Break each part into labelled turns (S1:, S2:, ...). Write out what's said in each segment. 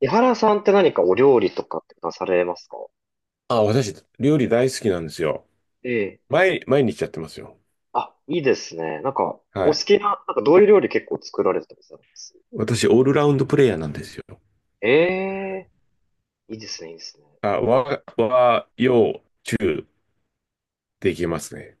S1: 江原さんって何かお料理とかってなされますか？
S2: あ、私、料理大好きなんですよ。
S1: ええ。
S2: 毎日やってますよ。
S1: あ、いいですね。なんか、お
S2: は
S1: 好
S2: い。
S1: きな、なんかどういう料理結構作られてたりされます？
S2: 私、オールラウンドプレイヤーなんですよ。
S1: ええ、いいですね、いいですね。
S2: あ、
S1: なんか、
S2: 和、洋、中、できますね。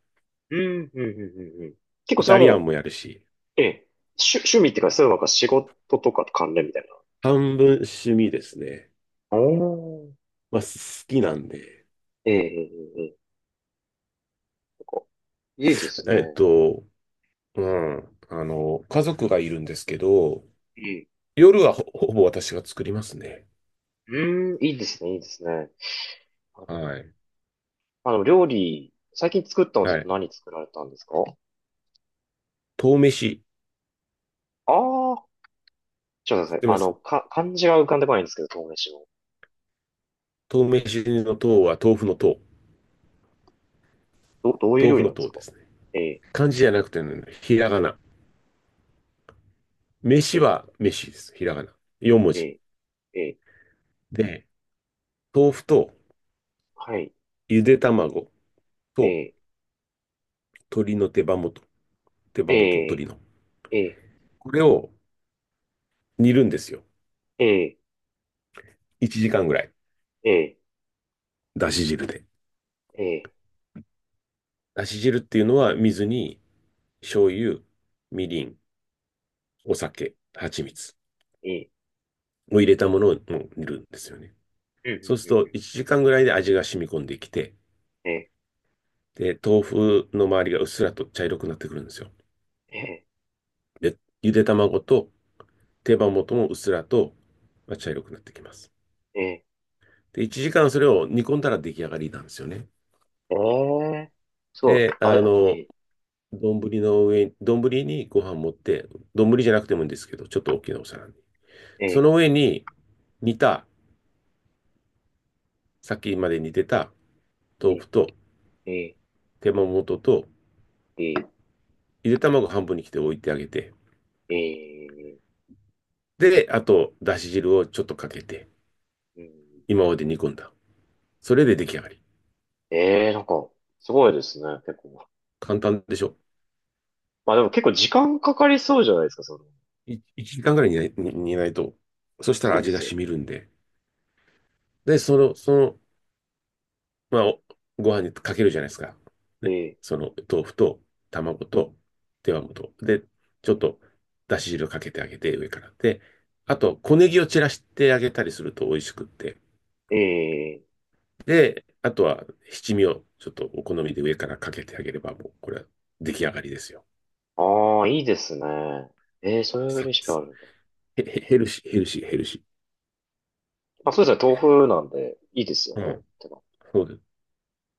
S1: うん、うん、うん、うんうん。結構
S2: イ
S1: そ
S2: タ
S1: れは
S2: リ
S1: も
S2: アン
S1: う、
S2: もやるし、
S1: ええ、趣、趣味っていうか、そういうなんか仕事とかと関連みたい
S2: 半分趣味ですね。
S1: な。おー。
S2: まあ、好きなんで。
S1: ええ、ええ、ええ。ええなんか、いいです
S2: えっ
S1: ね。
S2: と、うん。あの、家族がいるんですけど、
S1: いい。
S2: 夜はほぼ私が作りますね。
S1: うん、いいですね、いいですね。あの、
S2: はい。
S1: あの料理、最近作ったのって
S2: はい。
S1: 何作られたんですか？
S2: 豆飯、
S1: ああー、ちょっと
S2: 知
S1: 待っ
S2: っ
S1: てく
S2: て
S1: ださい。
S2: ま
S1: あの、
S2: す？
S1: か、漢字が浮かんでこないんですけど、豆飯の。
S2: 豆飯の豆は豆腐の豆。
S1: ど、どういう
S2: 豆
S1: 料
S2: 腐
S1: 理な
S2: の
S1: んです
S2: 豆で
S1: か？
S2: すね。
S1: ええ
S2: 漢字じゃなくてね、ひらがな。飯
S1: ええ
S2: は飯です。ひらがな。4文字。
S1: ええええ
S2: で、豆腐と
S1: はい、
S2: ゆで卵と
S1: ええ
S2: 鶏の手羽元。手羽元と
S1: え
S2: 鶏の。
S1: えええ
S2: これを煮るんですよ。
S1: ええ
S2: 1時間ぐらい。
S1: ええ
S2: だし汁で。
S1: ええ
S2: だし汁っていうのは水に醤油、みりん、お酒、蜂蜜
S1: ええ
S2: を入れたものを煮るんですよね。
S1: うんうん
S2: そうす
S1: うん
S2: る
S1: う
S2: と
S1: ん
S2: 1時間ぐらいで味が染み込んできて、
S1: ええ
S2: で、豆腐の周りがうっすらと茶色くなってくるんですよ。
S1: ええ
S2: で、ゆで卵と手羽元もうっすらと茶色くなってきます。
S1: ええ
S2: で、1時間それを煮込んだら出来上がりなんですよね。
S1: ええそう、
S2: で、
S1: あ、
S2: あ
S1: え
S2: の、
S1: え
S2: 丼の上に、丼にご飯持って、丼じゃなくてもいいんですけど、ちょっと大きなお皿に。そ
S1: え
S2: の
S1: え
S2: 上に煮た、さっきまで煮てた豆
S1: え
S2: 腐と
S1: えええ
S2: 手羽元と、
S1: え
S2: ゆで卵半分に切って置いてあげて、
S1: え
S2: で、あと、だし汁をちょっとかけて、
S1: うん
S2: 今まで煮込んだ。それで出来上がり。
S1: ええなんか、すごいですね、結構。
S2: 簡単でしょ。
S1: まあでも結構時間かかりそうじゃないですか、その。
S2: 1時間ぐらい煮ないと。そしたら
S1: そうで
S2: 味が
S1: すよね。
S2: 染みるんで。で、そのまあ、ご飯にかけるじゃないですか。ね。
S1: え
S2: その豆腐と卵と手羽元。で、ちょっとだし汁かけてあげて、上から。で、あと、小ネギを散らしてあげたりすると美味しくって。
S1: ええ
S2: で、あとは七味をちょっとお好みで上からかけてあげれば、もうこれは出来上がりですよ。
S1: ああ、いいですね。ええ、そういう
S2: サッ
S1: レ
S2: ク
S1: シピあ
S2: ス。
S1: るんだ。
S2: ヘルシー、ヘルシー、ヘルシ
S1: まあそうですね、豆腐なんで、いいですよ
S2: ー。う
S1: ね。
S2: ん。
S1: てか
S2: そうです。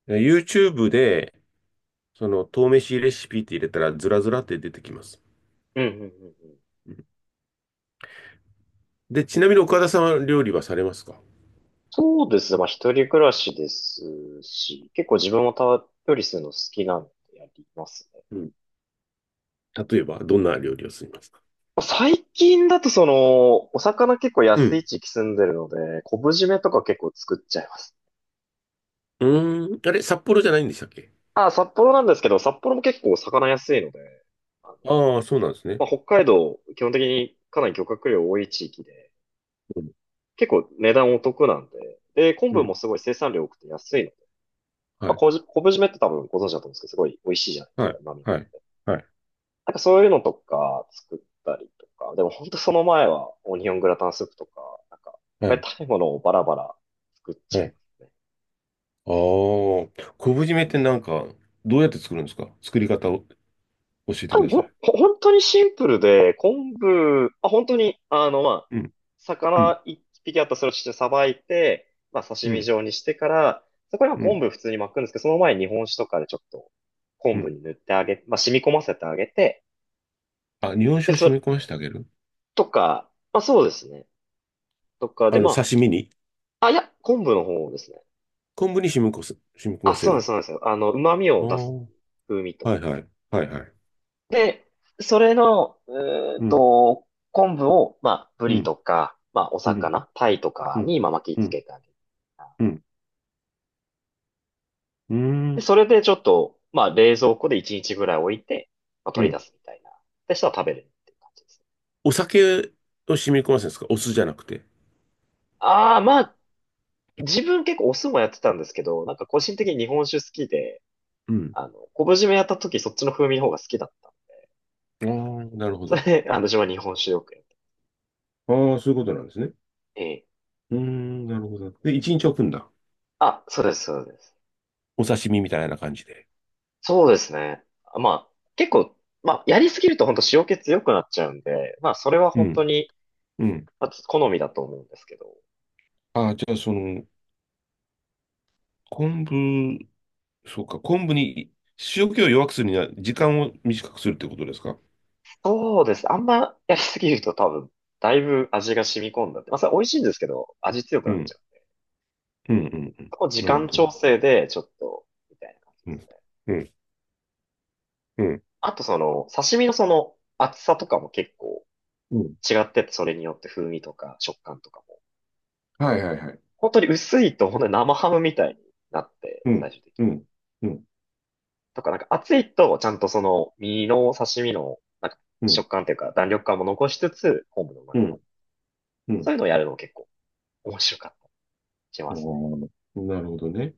S2: で YouTube で、その、豆飯レシピって入れたら、ずらずらって出てきます。
S1: うんうんうんうん。
S2: うん。で、ちなみに岡田さんは料理はされますか？
S1: そうですね、まあ一人暮らしですし、結構自分もたっぷりするの好きなんでやりますね。
S2: うん。例えば、どんな料理をすみますか？
S1: まあ最近だとその、お魚結構
S2: う
S1: 安
S2: ん。
S1: い地域住んでるので、昆布締めとか結構作っちゃいます。
S2: うーん。あれ、札幌じゃないんでしたっけ？
S1: ああ、札幌なんですけど、札幌も結構お魚安いので、あの、
S2: ああー、そうなんですね。
S1: まあ、北海道、基本的にかなり漁獲量多い地域で、
S2: うん。
S1: 結構値段お得なんで、で、昆
S2: う
S1: 布も
S2: ん。
S1: すごい生産量多くて安いので、ま
S2: は
S1: あ、
S2: い。
S1: 昆布締めって多分ご存知だと思うんですけど、すごい美味しいじゃないで
S2: は
S1: すか、
S2: い。
S1: 旨味
S2: はい。
S1: が。
S2: はい。
S1: なんかそういうのとか作ったりとか、でも本当その前はオニオングラタンスープとか、なんか食
S2: は
S1: べ
S2: い。
S1: たいものをバラバラ作っち
S2: は
S1: ゃい
S2: い。
S1: ますね。
S2: ああ、昆布締めってなんか、どうやって作るんですか？作り方を教え
S1: あ、
S2: て
S1: ほ
S2: く
S1: ん、
S2: ださ
S1: ほ
S2: い。
S1: 本当にシンプルで、昆布、あ、本当に、あの、まあ、
S2: うん。うん。
S1: 魚一匹あったらそれをしてさばいて、まあ、刺
S2: う
S1: 身
S2: ん。
S1: 状にしてから、そこには
S2: う
S1: 昆
S2: ん。
S1: 布普通に巻くんですけど、その前に日本酒とかでちょっと
S2: う
S1: 昆布
S2: ん。
S1: に塗ってあげ、まあ、染み込ませてあげて、
S2: あ、日本
S1: で、
S2: 酒を染
S1: そ、
S2: み込ませてあげる？
S1: とか、まあ、そうですね。とか
S2: あ
S1: で、
S2: の、
S1: ま
S2: 刺身に
S1: あ、あ、いや、昆布の方ですね。
S2: 昆布に染み込
S1: あ、
S2: ませ
S1: そうなんです、
S2: る。
S1: そうなんですよ。あの、旨味
S2: あ
S1: を
S2: あ、
S1: 出す風味と。
S2: はいはい。はいはい。
S1: で、それの、
S2: うん。
S1: 昆布を、まあ、ブ
S2: う
S1: リ
S2: ん。
S1: とか、まあ、お
S2: うん。
S1: 魚、タイと
S2: う
S1: か
S2: ん。
S1: に、まあ、巻き
S2: う
S1: つ
S2: ん
S1: けてあげる。
S2: うん。う
S1: で、
S2: ん。
S1: それでちょっと、まあ、冷蔵庫で1日ぐらい置いて、まあ、
S2: う
S1: 取り出
S2: ん。
S1: すみたいな。で、したら食べるっていう感じです。
S2: お酒を染み込ませるんですか？お酢じゃなくて。
S1: ああ、まあ、自分結構お酢もやってたんですけど、なんか個人的に日本酒好きで、
S2: うん。
S1: あの、昆布締めやった時そっちの風味の方が好きだった。
S2: ああ、なるほ
S1: それ
S2: ど。
S1: で、あの、自分は日本酒よくやって。
S2: ああ、そういうことなんですね。
S1: ええ
S2: うーん、なるほど。で、一日置くんだ。
S1: あ、そうです、そうです。
S2: お刺身みたいな感じで。
S1: そうですね。まあ、結構、まあ、やりすぎると本当塩気強くなっちゃうんで、まあ、それは
S2: う
S1: 本当
S2: ん。
S1: に、
S2: うん。
S1: まあ、好みだと思うんですけど。
S2: ああ、じゃあ、その、昆布、そうか、昆布に塩気を弱くするには時間を短くするってことですか？
S1: そうです。あんまやりすぎると多分、だいぶ味が染み込んだって。まあ、それ美味しいんですけど、味強く
S2: う
S1: なっち
S2: ん。
S1: ゃう。
S2: うん、うん、うん。
S1: そこ時
S2: なるほ
S1: 間
S2: どね。
S1: 調整で、ちょっと、みたいな感じ
S2: う
S1: です
S2: ん。
S1: ね。
S2: うん、うん、
S1: あと、その、刺身のその、厚さとかも結構
S2: うん。
S1: 違ってて、それによって風味とか食感とかも。
S2: はいはいはい。
S1: 本当に薄いと、本当に生ハムみたいになって、
S2: う
S1: 最
S2: ん、
S1: 終的に。
S2: うん、うん、
S1: とか、なんか熱いと、ちゃんとその、身の刺身の、なんか、
S2: うん、
S1: 食感というか、弾力感も残しつつ、昆布の旨
S2: う
S1: 味も。
S2: ん、う
S1: そ
S2: ん。
S1: ういうのをやるの結構面白かったりしま
S2: あ
S1: すね。
S2: あ、なるほどね。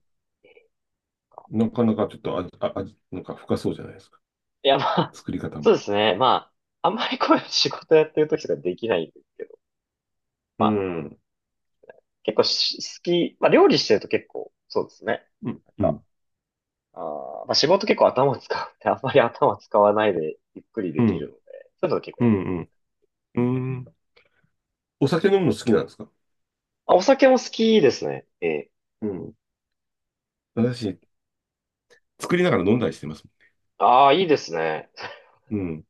S2: なかなかちょっと味、なんか深そうじゃないですか。
S1: いや、まあ、
S2: 作り方
S1: そう
S2: も。
S1: ですね。まあ、あんまりこういう仕事やってる時とかできないんですけど、
S2: う
S1: まあ、
S2: ん。
S1: 結構し好き、まあ、料理してると結構、そうですね。
S2: うん、
S1: なん
S2: う
S1: か、
S2: ん、
S1: あまあ、仕事結構頭を使うって、あんまり頭使わないでゆっくり
S2: う
S1: できる
S2: ん、
S1: ので、そういうの結構
S2: う
S1: やってます。
S2: ん、うん。うん。お酒飲むの好きなんですか？
S1: まあ、お酒も好きですね。ええ。
S2: うん。私、作りながら飲んだりしてます。
S1: ああ、いいですね。
S2: うん。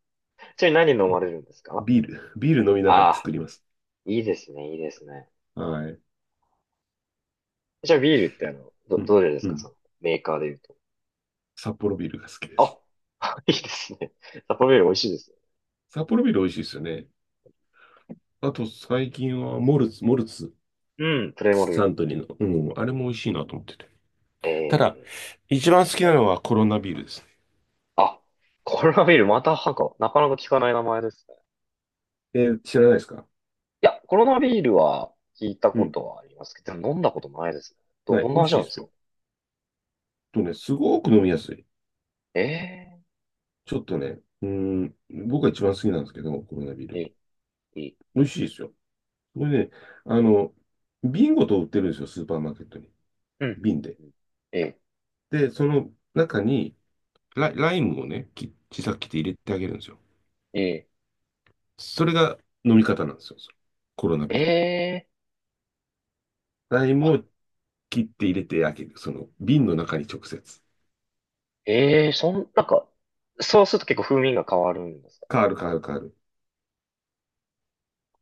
S1: ちなみに何飲まれるんですか？
S2: ビール、ビール飲みながら
S1: あ
S2: 作
S1: あ、
S2: ります。
S1: いいですね、いいですね。
S2: はい。
S1: じゃあビールってあの、ど、
S2: うん、
S1: どれです
S2: う
S1: か、
S2: ん。
S1: その、メーカーで言うと。
S2: 札幌ビールが好きで
S1: あ、
S2: す。
S1: いいですね。札幌ビール美味しいですよ。
S2: 札幌ビール美味しいですよね。あと、最近はモルツ、モルツ、
S1: うん、プレモ
S2: サ
S1: ル。
S2: ントリーの。うん、あれも美味しいなと思ってて。ただ、
S1: ええ
S2: 一番好きなのはコロナビールですね。
S1: あ、コロナビール、またなんか、なかなか聞かない名前ですね。
S2: えー、知らないですか？
S1: いや、コロナビールは聞いた
S2: う
S1: こ
S2: ん。
S1: とはありますけど、でも飲んだこともないですね。ど、
S2: は
S1: ど
S2: い。
S1: ん
S2: 美
S1: な
S2: 味
S1: 味
S2: しい
S1: な
S2: で
S1: んです
S2: す
S1: か？
S2: よ。とね、すごく飲みやすい。
S1: え
S2: ちょっとね、うーん、僕が一番好きなんですけど、コロナビー
S1: ええ
S2: ル。
S1: えええ
S2: 美味しいですよ。これね、あの、瓶ごと売ってるんですよ、スーパーマーケットに。
S1: うん、うん、
S2: 瓶で。
S1: うんうん。ええ
S2: で、その中にライムをね、小さく切って入れてあげるんですよ。
S1: え
S2: それが飲み方なんですよ、それコロナビール。
S1: えええ
S2: ライム
S1: あ、
S2: を切って入れてあげる。その瓶の中に直接。
S1: ええそん、なんか、そうすると結構風味が変わるんですか？
S2: 変わる変わる変わる。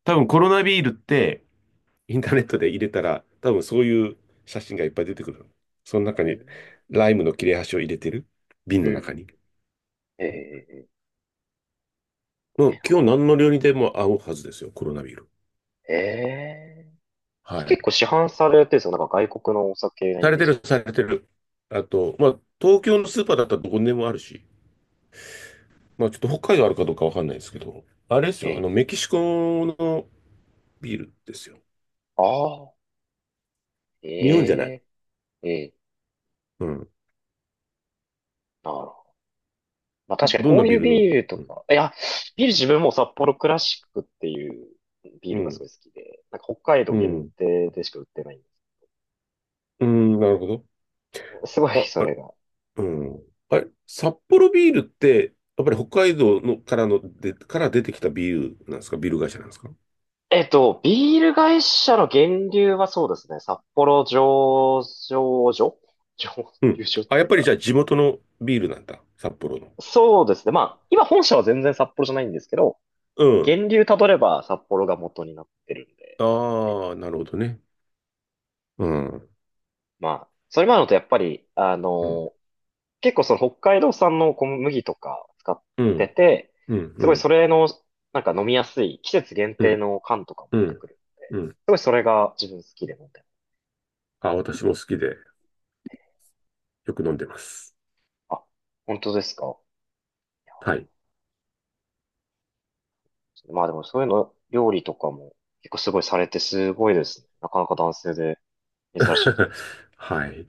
S2: 多分
S1: こ
S2: コロナビールって、インターネットで入れたら、多分そういう写真がいっぱい出てくる。その中
S1: う
S2: に、
S1: ええ
S2: ライムの切れ端を入れてる瓶
S1: うん
S2: の
S1: う
S2: 中
S1: ん。
S2: に。
S1: え
S2: うん。
S1: え
S2: もう
S1: なん
S2: 今日
S1: か、
S2: 何の料理でも合うはずですよ、コロナビール。
S1: ええ
S2: はい。
S1: 結構市販されてるんですよ。なんか外国のお酒なイ
S2: され
S1: メー
S2: て
S1: ジ。
S2: る、されてる。あと、まあ、東京のスーパーだったらどこにでもあるし、まあ、ちょっと北海道あるかどうかわかんないですけど、あれですよ、あ
S1: ええ
S2: の、メキシコのビールですよ。
S1: ああ、
S2: 日本じゃない。
S1: ええええ
S2: うん。
S1: なるほど。まあ確かに
S2: どん
S1: こ
S2: な
S1: う
S2: ビ
S1: い
S2: ー
S1: う
S2: ルの？
S1: ビールと
S2: うん。
S1: か、いや、ビール自分も札幌クラシックっていうビー
S2: う
S1: ルがす
S2: ん。
S1: ごい好きで、なんか北海道
S2: う
S1: 限
S2: ん、
S1: 定でしか売ってないんです。
S2: うん、なるほど。
S1: すごい、
S2: あ、
S1: そ
S2: あ。
S1: れが。
S2: うん。あれ、札幌ビールって、やっぱり北海道のからので、から出てきたビールなんですか？ビール会社なんですか？
S1: ビール会社の源流はそうですね、札幌醸造所醸
S2: うん。
S1: 造所っ
S2: あ、
S1: て
S2: やっ
S1: いう
S2: ぱり
S1: か、
S2: じゃあ地元のビールなんだ。札幌の。
S1: そうですね。まあ、今本社は全然札幌じゃないんですけど、
S2: うん。
S1: 源流たどれば札幌が元になってるんで、っていうか。
S2: ああ、なるほどね。うん。
S1: まあ、それもあるのとやっぱり、あ
S2: うん。
S1: の、結構その北海道産の小麦とか使っ
S2: う
S1: て
S2: ん。
S1: て、
S2: うん。
S1: す
S2: う
S1: ごい
S2: ん。
S1: それの、なんか飲みやすい季節限
S2: う
S1: 定
S2: ん。
S1: の缶とかも
S2: う
S1: 出て
S2: ん。
S1: くる。
S2: うん。
S1: すごいそれが自分好きで飲んでる。
S2: あ、私も好きでよく飲んでます。
S1: あ、本当ですか？
S2: はい。
S1: いやまあでもそういうの、料理とかも結構すごいされてすごいですね。なかなか男性で珍しいなと思うんですけど。
S2: はい。